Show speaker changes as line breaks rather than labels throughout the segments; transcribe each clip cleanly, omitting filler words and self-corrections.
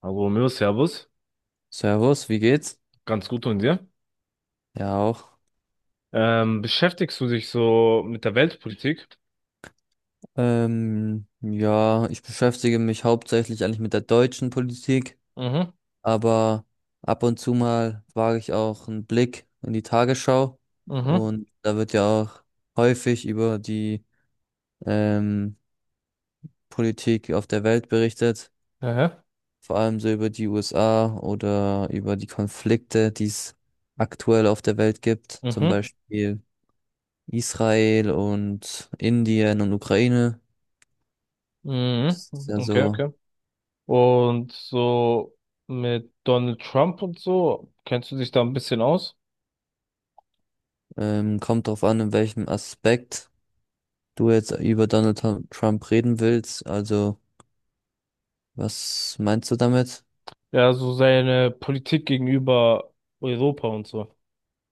Hallo, Mir, Servus.
Servus, wie geht's?
Ganz gut und dir?
Ja, auch.
Beschäftigst du dich so mit der Weltpolitik?
Ja, ich beschäftige mich hauptsächlich eigentlich mit der deutschen Politik,
Mhm,
aber ab und zu mal wage ich auch einen Blick in die Tagesschau,
mhm,
und da wird ja auch häufig über die ähm, Politik auf der Welt berichtet,
aha,
vor allem so über die USA oder über die Konflikte, die es aktuell auf der Welt gibt, zum
mhm,
Beispiel Israel und Indien und Ukraine.
mhm,
Das ist ja
okay,
so.
okay. Und so mit Donald Trump und so, kennst du dich da ein bisschen aus?
Kommt drauf an, in welchem Aspekt du jetzt über Donald Trump reden willst. Also, was meinst du damit?
Ja, so seine Politik gegenüber Europa und so.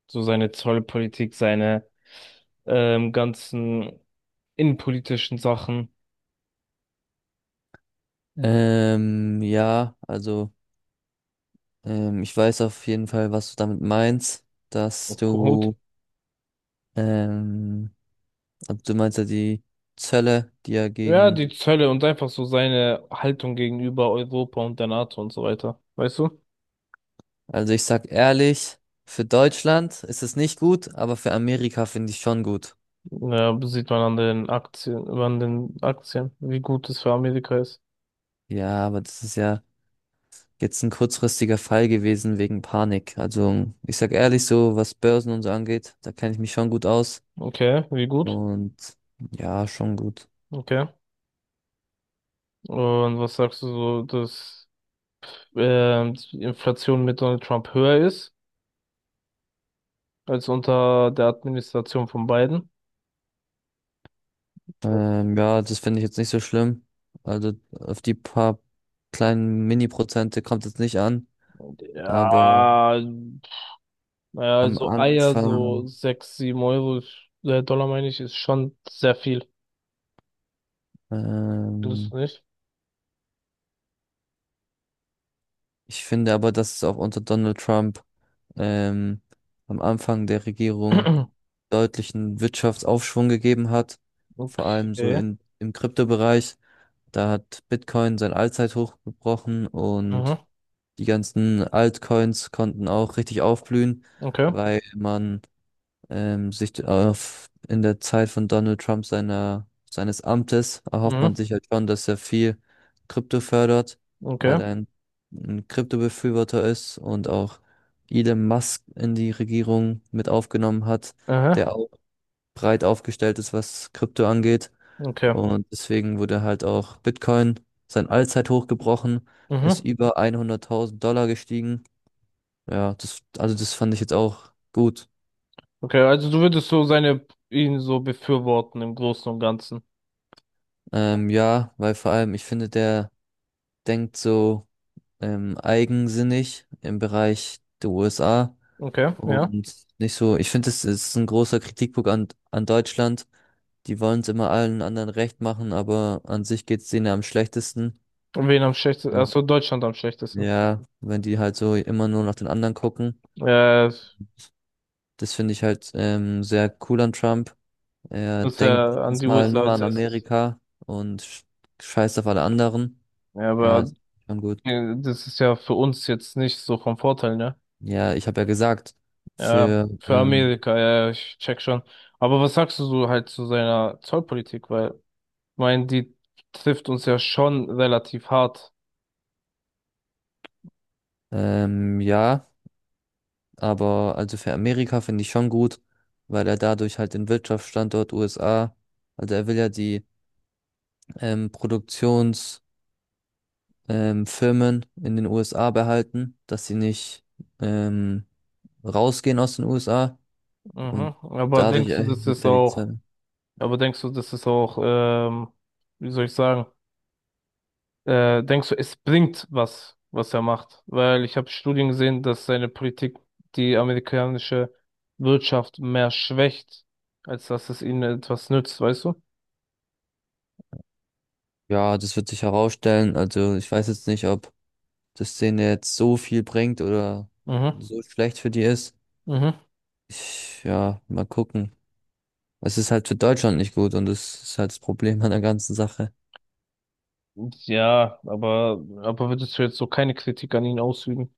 So seine Zollpolitik, seine ganzen innenpolitischen Sachen.
Ja, also, ich weiß auf jeden Fall, was du damit meinst, dass
Gut.
du, ähm, also du meinst ja die Zölle,
Ja, die Zölle und einfach so seine Haltung gegenüber Europa und der NATO und so weiter. Weißt du?
also ich sag ehrlich, für Deutschland ist es nicht gut, aber für Amerika finde ich schon gut.
Ja, sieht man an den Aktien, wie gut es für Amerika ist.
Ja, aber das ist ja jetzt ein kurzfristiger Fall gewesen wegen Panik. Also ich sag ehrlich so, was Börsen und so angeht, da kenne ich mich schon gut aus.
Okay, wie gut?
Und ja, schon gut.
Okay. Und was sagst du so, dass die Inflation mit Donald Trump höher ist als unter der Administration von Biden?
Ja, das finde ich jetzt nicht so schlimm. Also auf die paar kleinen Mini-Prozente kommt es nicht an. Aber
Ja, naja,
am
also Eier, so
Anfang,
sechs, sieben Euro, Dollar meine ich, ist schon sehr viel. Findest
ähm,
du nicht?
ich finde aber, dass es auch unter Donald Trump ähm, am Anfang der Regierung deutlichen Wirtschaftsaufschwung gegeben hat. Vor allem so
Okay.
in, im Kryptobereich. Da hat Bitcoin sein Allzeithoch gebrochen und
Mhm.
die ganzen Altcoins konnten auch richtig aufblühen,
Okay.
weil man sich auf, in der Zeit von Donald Trump seiner, seines Amtes erhofft man
Mhm.
sich halt schon, dass er viel Krypto fördert,
Okay.
weil er ein Kryptobefürworter ist und auch Elon Musk in die Regierung mit aufgenommen hat,
Aha.
der auch breit aufgestellt ist, was Krypto angeht.
Okay.
Und deswegen wurde halt auch Bitcoin sein Allzeithoch gebrochen, ist
Mhm.
über 100.000 Dollar gestiegen. Ja, das, also das fand ich jetzt auch gut.
Okay, also du würdest so seine ihn so befürworten im Großen und Ganzen.
Ja, weil vor allem, ich finde, der denkt so eigensinnig im Bereich der USA
Okay, ja.
und nicht so. Ich finde, es ist ein großer Kritikpunkt an Deutschland. Die wollen es immer allen anderen recht machen, aber an sich geht es denen am schlechtesten.
Und wen am schlechtesten?
Ähm,
Achso, Deutschland am schlechtesten.
Ja, wenn die halt so immer nur nach den anderen gucken.
Äh,
Das finde ich halt sehr cool an Trump. Er
dass
denkt
er an die
erstmal
USA
nur
als
an
erstes.
Amerika und scheißt auf alle anderen.
Ja,
Ja, das
aber
ist schon gut.
äh, das ist ja für uns jetzt nicht so vom Vorteil, ne?
Ja, ich habe ja gesagt,
Ja,
für
für Amerika, ja, ja, ich check schon. Aber was sagst du so halt zu seiner Zollpolitik? Weil, ich meine, die trifft uns ja schon relativ hart.
ja, aber also für Amerika finde ich schon gut, weil er dadurch halt den Wirtschaftsstandort USA, also er will ja die Produktionsfirmen Firmen in den USA behalten, dass sie nicht ähm, rausgehen aus den USA.
Mhm.
Und dadurch, okay, erhebt er die Zahl.
Aber denkst du, das ist auch, wie soll ich sagen, denkst du, es bringt was, was er macht? Weil ich habe Studien gesehen, dass seine Politik die amerikanische Wirtschaft mehr schwächt, als dass es ihnen etwas nützt, weißt du?
Ja, das wird sich herausstellen. Also ich weiß jetzt nicht, ob das denen jetzt so viel bringt oder
Mhm.
so schlecht für die ist.
Mhm.
Ich, ja, mal gucken. Es ist halt für Deutschland nicht gut und das ist halt das Problem an der ganzen Sache.
Ja, aber würdest du jetzt so keine Kritik an ihn ausüben?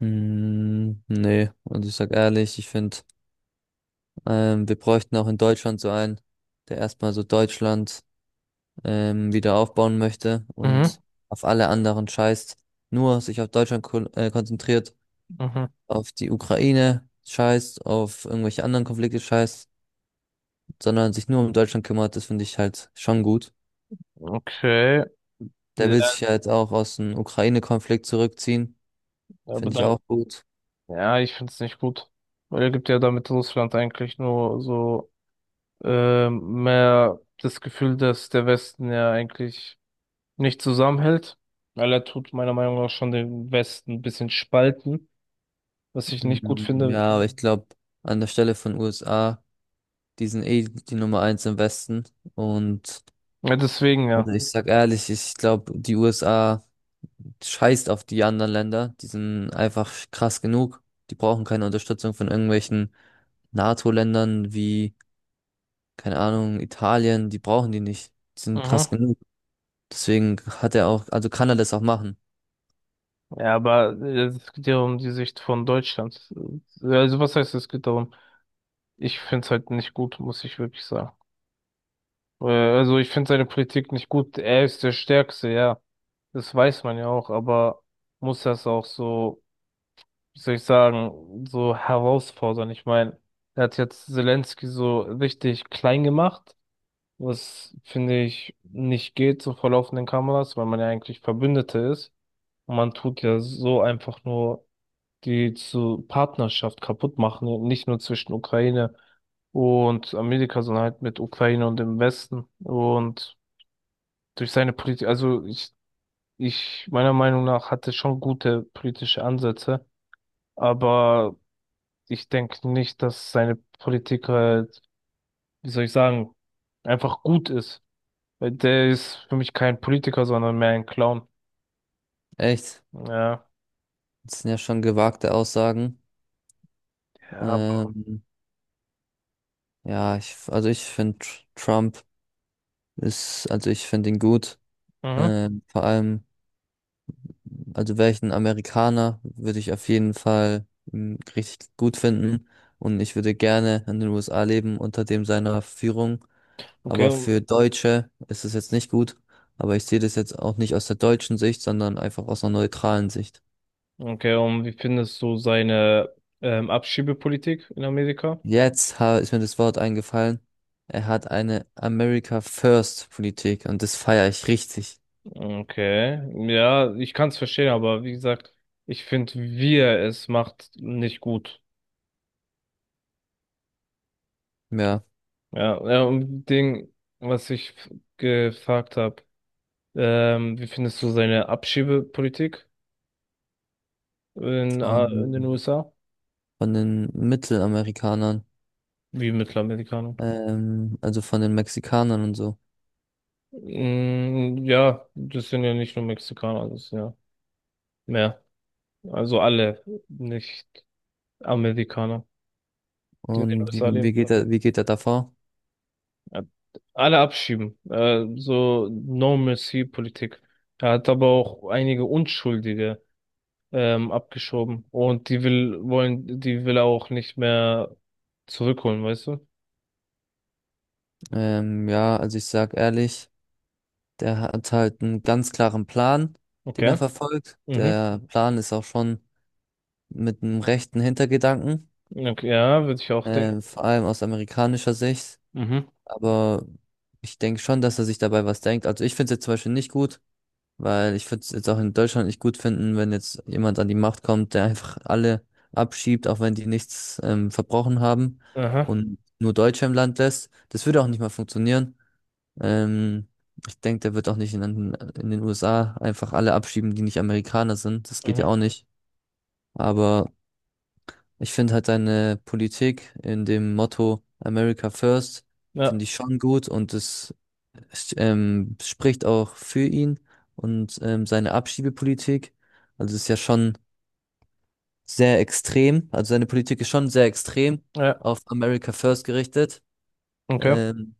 Hm, nee, und ich sag ehrlich, ich finde, wir bräuchten auch in Deutschland so einen, der erstmal so Deutschland wieder aufbauen möchte
Mhm.
und auf alle anderen scheißt, nur sich auf Deutschland konzentriert,
Mhm.
auf die Ukraine scheißt, auf irgendwelche anderen Konflikte scheißt, sondern sich nur um Deutschland kümmert. Das finde ich halt schon gut.
Okay.
Der will
Ja,
sich ja jetzt auch aus dem Ukraine-Konflikt zurückziehen,
aber
finde ich
dann
auch gut.
ja, ich find's nicht gut. Weil er gibt ja damit Russland eigentlich nur so mehr das Gefühl, dass der Westen ja eigentlich nicht zusammenhält. Weil er tut meiner Meinung nach schon den Westen ein bisschen spalten, was ich nicht gut finde.
Ja, aber ich glaube, an der Stelle von USA, die sind eh die Nummer eins im Westen. Und
Ja, deswegen ja.
also ich sag ehrlich, ich glaube, die USA scheißt auf die anderen Länder. Die sind einfach krass genug. Die brauchen keine Unterstützung von irgendwelchen NATO-Ländern wie, keine Ahnung, Italien, die brauchen die nicht. Die sind
Mhm.
krass genug. Deswegen hat er auch, also kann er das auch machen.
Ja, aber es geht ja um die Sicht von Deutschland. Also was heißt, es geht darum? Ich find's halt nicht gut, muss ich wirklich sagen. Also ich find seine Politik nicht gut. Er ist der Stärkste, ja. Das weiß man ja auch, aber muss das auch so, wie soll ich sagen, so herausfordern? Ich meine, er hat jetzt Zelensky so richtig klein gemacht, was finde ich nicht geht, so vor laufenden Kameras, weil man ja eigentlich Verbündete ist. Und man tut ja so einfach nur die zu Partnerschaft kaputt machen, und nicht nur zwischen Ukraine und Amerika, sondern halt mit Ukraine und dem Westen. Und durch seine Politik, also ich, meiner Meinung nach, hatte schon gute politische Ansätze, aber ich denke nicht, dass seine Politik halt, wie soll ich sagen, einfach gut ist. Weil der ist für mich kein Politiker, sondern mehr ein Clown.
Echt?
Ja.
Das sind ja schon gewagte Aussagen.
Ja,
Ähm, also ich finde Trump ist, also ich finde ihn gut.
mhm.
Vor allem, also wäre ich ein Amerikaner, würde ich auf jeden Fall richtig gut finden. Und ich würde gerne in den USA leben unter dem seiner Führung. Aber
Okay.
für Deutsche ist es jetzt nicht gut. Aber ich sehe das jetzt auch nicht aus der deutschen Sicht, sondern einfach aus einer neutralen Sicht.
Okay, und wie findest du seine Abschiebepolitik in Amerika?
Jetzt ist mir das Wort eingefallen. Er hat eine America First Politik und das feiere ich richtig.
Okay. Ja, ich kann es verstehen, aber wie gesagt, ich finde, wie er es macht, nicht gut.
Ja,
Ja, ja, und Ding, was ich f- gefragt habe, wie findest du seine Abschiebepolitik in den
von,
USA?
von den Mittelamerikanern,
Wie Mittelamerikanern?
also von den Mexikanern und so.
Mm, ja, das sind ja nicht nur Mexikaner, das sind ja mehr. Also alle Nicht-Amerikaner, die in den
Und
USA
wie
leben.
geht er, davor?
Ja, alle abschieben. So No-Mercy-Politik. Er hat aber auch einige Unschuldige abgeschoben. Und die will er auch nicht mehr zurückholen, weißt du?
Ja, also ich sag ehrlich, der hat halt einen ganz klaren Plan, den er
Okay.
verfolgt.
Mhm.
Der Plan ist auch schon mit einem rechten Hintergedanken,
Okay, ja, würde ich auch denken.
vor allem aus amerikanischer Sicht.
Mhm.
Aber ich denke schon, dass er sich dabei was denkt. Also ich finde es jetzt zum Beispiel nicht gut, weil ich würde es jetzt auch in Deutschland nicht gut finden, wenn jetzt jemand an die Macht kommt, der einfach alle abschiebt, auch wenn die nichts verbrochen haben
Aha.
und nur Deutsche im Land lässt. Das würde auch nicht mal funktionieren. Ähm, Ich denke, der wird auch nicht in den USA einfach alle abschieben, die nicht Amerikaner sind. Das geht ja
Mhm.
auch nicht. Aber ich finde halt deine Politik in dem Motto America First,
Ja,
finde ich schon gut und es spricht auch für ihn und seine Abschiebepolitik. Also es ist ja schon sehr extrem. Also seine Politik ist schon sehr extrem
ja,
auf America First gerichtet.
okay.
Ähm,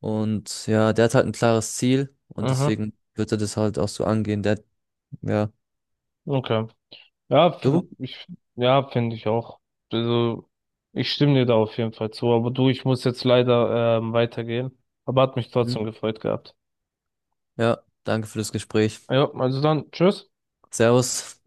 und ja, der hat halt ein klares Ziel und
Aha.
deswegen wird er das halt auch so angehen. Der, ja,
Okay. Ja, find
du?
ich, ja, finde ich auch. Also, ich stimme dir da auf jeden Fall zu. Aber du, ich muss jetzt leider weitergehen. Aber hat mich
Hm.
trotzdem gefreut gehabt.
Ja, danke für das Gespräch.
Ja, also dann, tschüss.
Servus.